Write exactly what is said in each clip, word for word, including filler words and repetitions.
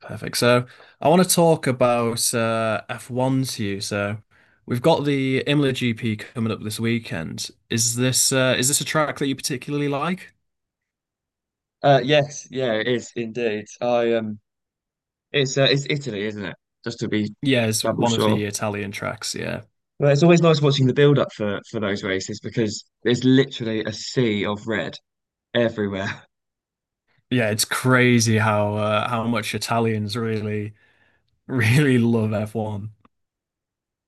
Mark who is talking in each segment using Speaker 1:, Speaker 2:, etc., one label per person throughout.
Speaker 1: Perfect. So I want to talk about uh, F one to you. So we've got the Imola G P coming up this weekend. Is this uh, is this a track that you particularly like?
Speaker 2: Uh, yes, yeah, it is indeed. I um, it's uh, it's Italy, isn't it? Just to be
Speaker 1: Yeah, it's
Speaker 2: double
Speaker 1: one of
Speaker 2: sure.
Speaker 1: the Italian tracks. Yeah,
Speaker 2: But it's always nice watching the build up for for those races because there's literally a sea of red everywhere.
Speaker 1: yeah, it's crazy how uh, how much Italians really really love F one.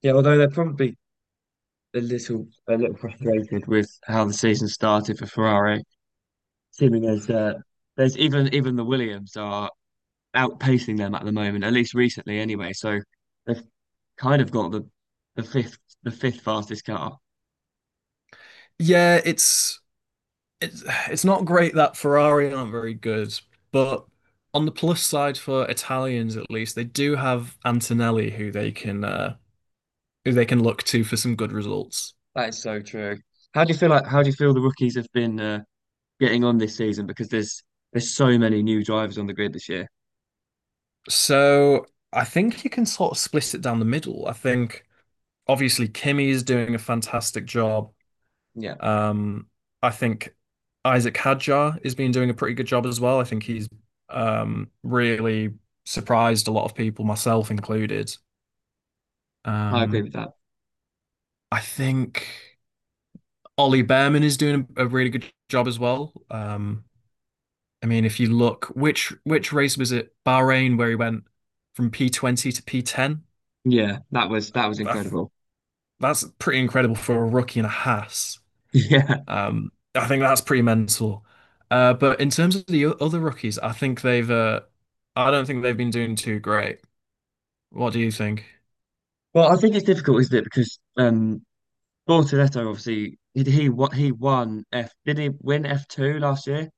Speaker 2: Yeah, although they're probably a little a little frustrated with how the season started for Ferrari, seeming as uh, there's even even the Williams are outpacing them at the moment, at least recently anyway. So they've kind of got the the fifth the fifth fastest car.
Speaker 1: Yeah, it's it's it's not great that Ferrari aren't very good, but on the plus side for Italians at least, they do have Antonelli who they can uh, who they can look to for some good results.
Speaker 2: That is so true. How do you feel like how do you feel the rookies have been uh, getting on this season? Because there's there's so many new drivers on the grid this year.
Speaker 1: So I think you can sort of split it down the middle. I think obviously Kimi is doing a fantastic job.
Speaker 2: Yeah,
Speaker 1: Um, I think Isaac Hadjar has been doing a pretty good job as well. I think he's um, really surprised a lot of people, myself included.
Speaker 2: I agree
Speaker 1: Um,
Speaker 2: with that.
Speaker 1: I think Ollie Behrman is doing a really good job as well. Um, I mean, if you look, which which race was it? Bahrain, where he went from P twenty to P ten.
Speaker 2: Yeah, that was that was
Speaker 1: I th
Speaker 2: incredible.
Speaker 1: That's pretty incredible for a rookie and a Haas.
Speaker 2: Yeah.
Speaker 1: Um, I think that's pretty mental. Uh, but in terms of the o- other rookies, I think they've. Uh, I don't think they've been doing too great. What do you think?
Speaker 2: Well, I think it's difficult, isn't it? Because um Bortoletto obviously he he what he won F did he win F two last year?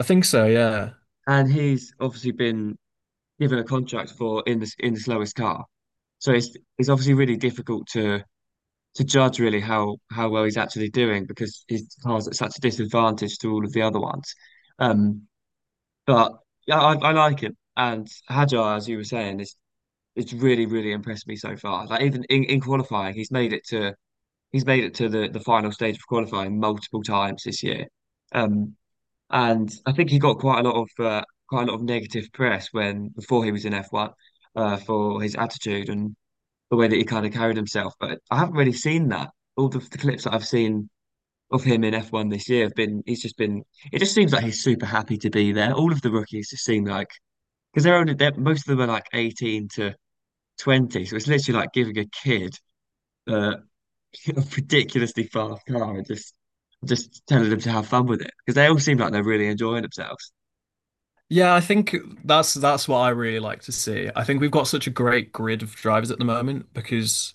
Speaker 1: I think so. Yeah.
Speaker 2: And he's obviously been given a contract for in the in the slowest car. So it's it's obviously really difficult to to judge really how how well he's actually doing because his car's at such a disadvantage to all of the other ones. Um, but yeah, I, I like him. And Hajar, as you were saying, is it's really really impressed me so far. Like even in, in qualifying, he's made it to he's made it to the the final stage of qualifying multiple times this year. Um, and I think he got quite a lot of uh, quite a lot of negative press when before he was in F one uh, for his attitude and the way that he kind of carried himself. But I haven't really seen that. All the, the clips that I've seen of him in F one this year have been, he's just been, it just seems like he's super happy to be there. All of the rookies just seem like, because they're only, they're, most of them are like eighteen to twenty. So it's literally like giving a kid uh, ridiculously fast car and just I just telling them to have fun with it because they all seem like they're really enjoying themselves.
Speaker 1: Yeah, I think that's that's what I really like to see. I think we've got such a great grid of drivers at the moment because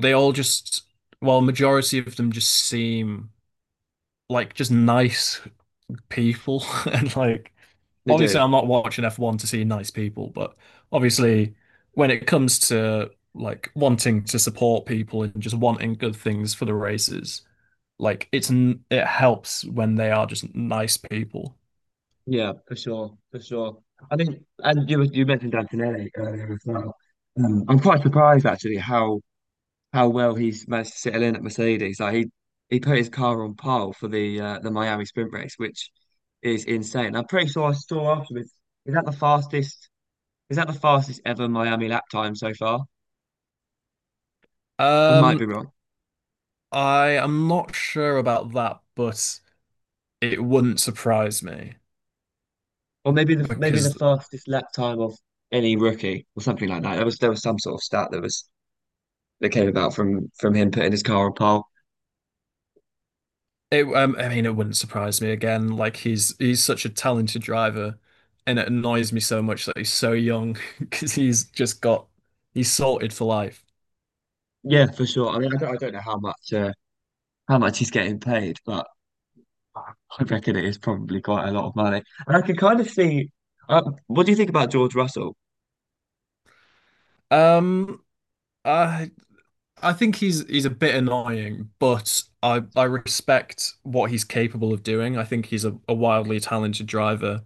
Speaker 1: they all just, well, majority of them just seem like just nice people and like
Speaker 2: They
Speaker 1: obviously
Speaker 2: do.
Speaker 1: I'm not watching F one to see nice people, but obviously when it comes to like wanting to support people and just wanting good things for the races, like it's n- it helps when they are just nice people.
Speaker 2: Yeah, for sure, for sure. I think, and you you mentioned Antonelli earlier as well. Um, I'm quite surprised actually how how well he's managed to settle in at Mercedes. Like he he put his car on pole for the uh, the Miami Sprint race, which is insane. I'm pretty sure I saw afterwards. Is that the fastest? Is that the fastest ever Miami lap time so far? I might be
Speaker 1: Um,
Speaker 2: wrong,
Speaker 1: I am not sure about that, but it wouldn't surprise me
Speaker 2: or maybe the maybe the
Speaker 1: because
Speaker 2: fastest lap time of any rookie or something like that. There was there was some sort of stat that was that came about from from him putting his car on pole.
Speaker 1: It, um, I mean, it wouldn't surprise me again. Like he's he's such a talented driver, and it annoys me so much that he's so young because he's just got he's sorted for life.
Speaker 2: Yeah, for sure. I mean, I don't, I don't know how much uh, how much he's getting paid. But I reckon it is probably quite a lot of money. And I can kind of see. Uh, what do you think about George Russell?
Speaker 1: Um, I I think he's he's a bit annoying, but I I respect what he's capable of doing. I think he's a, a wildly talented driver,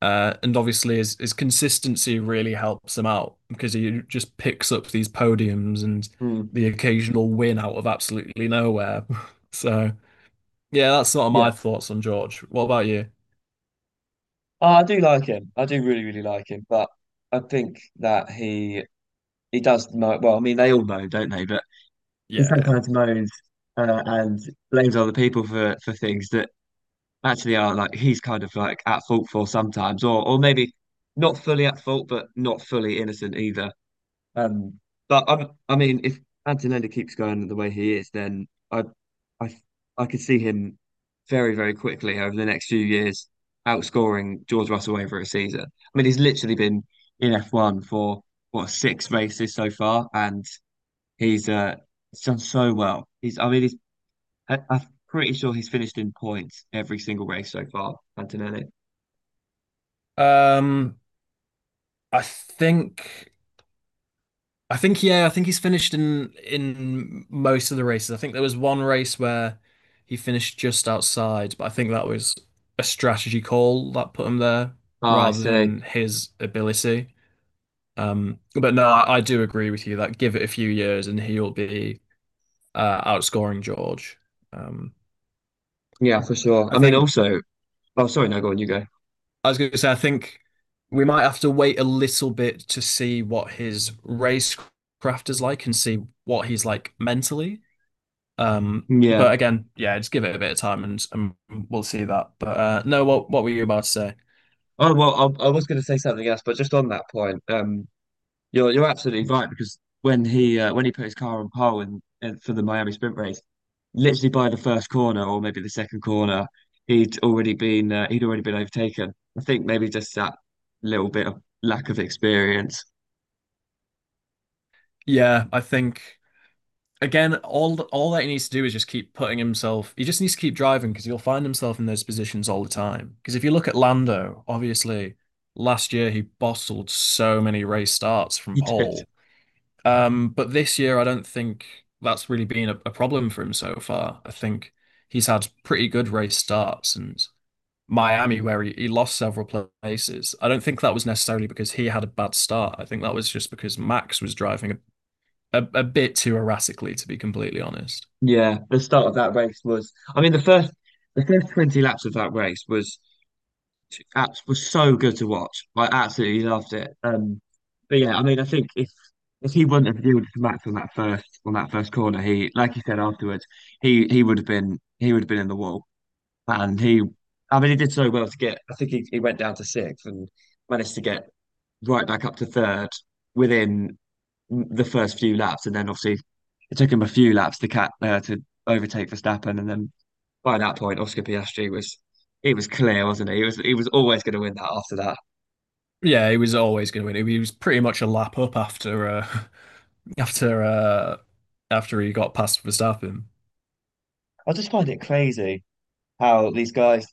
Speaker 1: uh, and obviously his his consistency really helps him out because he just picks up these podiums and
Speaker 2: Hmm.
Speaker 1: the occasional win out of absolutely nowhere. So. Yeah, that's sort of
Speaker 2: Yeah,
Speaker 1: my thoughts on George. What about you?
Speaker 2: oh, I do like him. I do really, really like him. But I think that he he does moan. Well, I mean, they all moan, don't they? But he
Speaker 1: Yeah.
Speaker 2: sometimes moans uh, and blames other people for for things that actually are like he's kind of like at fault for sometimes, or or maybe not fully at fault, but not fully innocent either. Um, but I, I mean, if Antonelli keeps going the way he is, then I, I, I could see him very, very quickly over the next few years outscoring George Russell over a season. I mean, he's literally been in F one for what six races so far, and he's uh he's done so well. He's, I mean, he's, I, I'm pretty sure he's finished in points every single race so far, Antonelli.
Speaker 1: Um, I think I think yeah, I think he's finished in in most of the races. I think there was one race where he finished just outside, but I think that was a strategy call that put him there
Speaker 2: Ah, I
Speaker 1: rather
Speaker 2: see.
Speaker 1: than his ability. Um, but no, I, I do agree with you that give it a few years and he'll be uh, outscoring George. Um,
Speaker 2: Yeah, for sure.
Speaker 1: I
Speaker 2: I mean,
Speaker 1: think.
Speaker 2: also, oh, sorry, no, go on, you go.
Speaker 1: I was going to say, I think we might have to wait a little bit to see what his racecraft is like and see what he's like mentally. Um,
Speaker 2: Yeah.
Speaker 1: but again, yeah, just give it a bit of time and, and we'll see that. But uh, no, what what were you about to say?
Speaker 2: Oh well, I, I was going to say something else, but just on that point, um, you're you're absolutely right because when he uh, when he put his car on pole and, and for the Miami Sprint race, literally by the first corner or maybe the second corner, he'd already been uh, he'd already been overtaken. I think maybe just that little bit of lack of experience
Speaker 1: Yeah, I think again, all all that he needs to do is just keep putting himself. He just needs to keep driving because he'll find himself in those positions all the time. Because if you look at Lando, obviously last year he bottled so many race starts from
Speaker 2: he did.
Speaker 1: pole. Um, but this year, I don't think that's really been a, a problem for him so far. I think he's had pretty good race starts, and Miami, where he, he lost several places. I don't think that was necessarily because he had a bad start. I think that was just because Max was driving a, a, a bit too erratically, to be completely honest.
Speaker 2: Yeah, the start of that race was. I mean, the first the first twenty laps of that race was Apps was so good to watch. I absolutely loved it. Um, but yeah, I mean, I think if if he wouldn't have yielded to Max on that first on that first corner, he like you said afterwards, he he would have been he would have been in the wall, and he, I mean, he did so well to get. I think he, he went down to sixth and managed to get right back up to third within the first few laps, and then obviously it took him a few laps to cat uh, to overtake Verstappen, and then by that point, Oscar Piastri was. It was clear, wasn't it? He was he was always going to win that after that.
Speaker 1: Yeah, he was always going to win. He was pretty much a lap up after uh, after uh, after he got past Verstappen.
Speaker 2: I just find it crazy how these guys.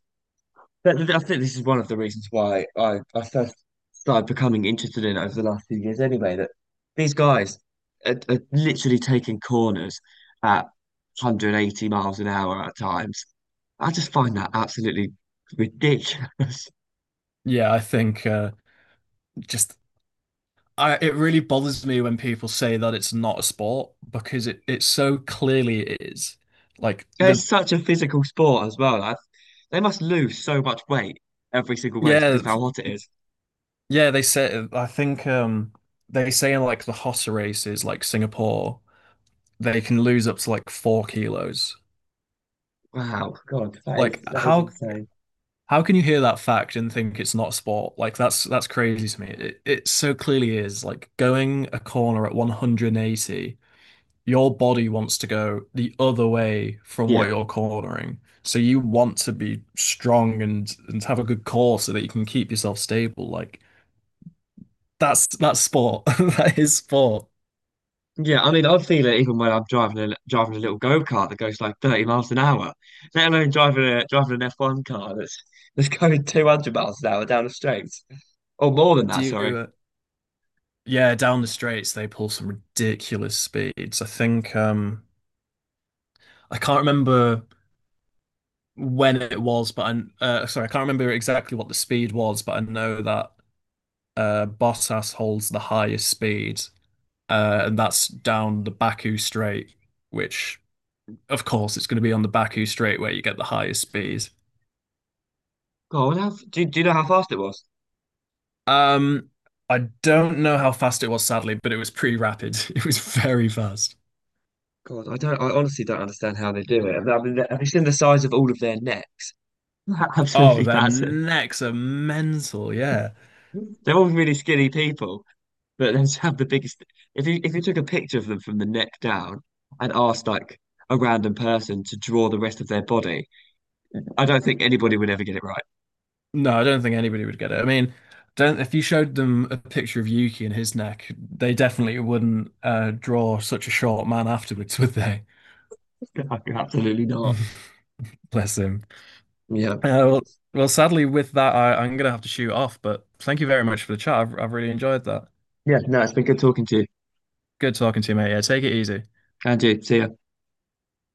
Speaker 2: But th- I think this is one of the reasons why I, I first started becoming interested in it over the last few years, anyway. That these guys are, are literally taking corners at one hundred eighty miles an hour at times. I just find that absolutely ridiculous.
Speaker 1: Yeah, I think uh, just I, it really bothers me when people say that it's not a sport because it, it so clearly is. Like the
Speaker 2: It's such a physical sport as well. I, they must lose so much weight every single race
Speaker 1: Yeah,
Speaker 2: because of how hot it is.
Speaker 1: yeah, they say, I think um they say in like the hotter races like Singapore they can lose up to like four kilos.
Speaker 2: Wow, God, that
Speaker 1: Like
Speaker 2: is that is
Speaker 1: how
Speaker 2: insane.
Speaker 1: how can you hear that fact and think it's not a sport? Like that's that's crazy to me. It it so clearly is. Like going a corner at one hundred eighty, your body wants to go the other way from
Speaker 2: Yeah,
Speaker 1: what you're cornering. So you want to be strong and and have a good core so that you can keep yourself stable. Like that's that's sport. That is sport.
Speaker 2: yeah, I mean, I feel it even when I'm driving a driving a little go-kart that goes like thirty miles an hour, let alone driving a driving an F one car that's that's going two hundred miles an hour down the straight, or more than
Speaker 1: Do
Speaker 2: that. Sorry.
Speaker 1: you, yeah, down the straights they pull some ridiculous speeds. I think um I can't remember when it was, but I'm uh, sorry, I can't remember exactly what the speed was, but I know that uh Bottas holds the highest speed, uh, and that's down the Baku Strait, which of course it's going to be on the Baku Strait where you get the highest speeds.
Speaker 2: God, how, do do you know how fast it was?
Speaker 1: Um, I don't know how fast it was, sadly, but it was pretty rapid. It was very fast.
Speaker 2: God, I don't. I honestly don't understand how they do it. I mean, have you seen the size of all of their necks?
Speaker 1: Oh,
Speaker 2: Absolutely
Speaker 1: their
Speaker 2: massive.
Speaker 1: necks are mental. Yeah.
Speaker 2: They're all really skinny people, but they just have the biggest. If you if you took a picture of them from the neck down and asked like a random person to draw the rest of their body, I don't think anybody would ever get it right.
Speaker 1: No, I don't think anybody would get it. I mean, don't if you showed them a picture of Yuki and his neck, they definitely wouldn't uh, draw such a short man afterwards, would they?
Speaker 2: Absolutely not.
Speaker 1: Bless him.
Speaker 2: Yeah.
Speaker 1: Uh, well, well, sadly, with that, I, I'm gonna have to shoot off, but thank you very much for the chat. I've, I've really enjoyed that.
Speaker 2: Yeah. No, it's been good talking to you.
Speaker 1: Good talking to you, mate. Yeah, take it easy.
Speaker 2: Andrew, see ya.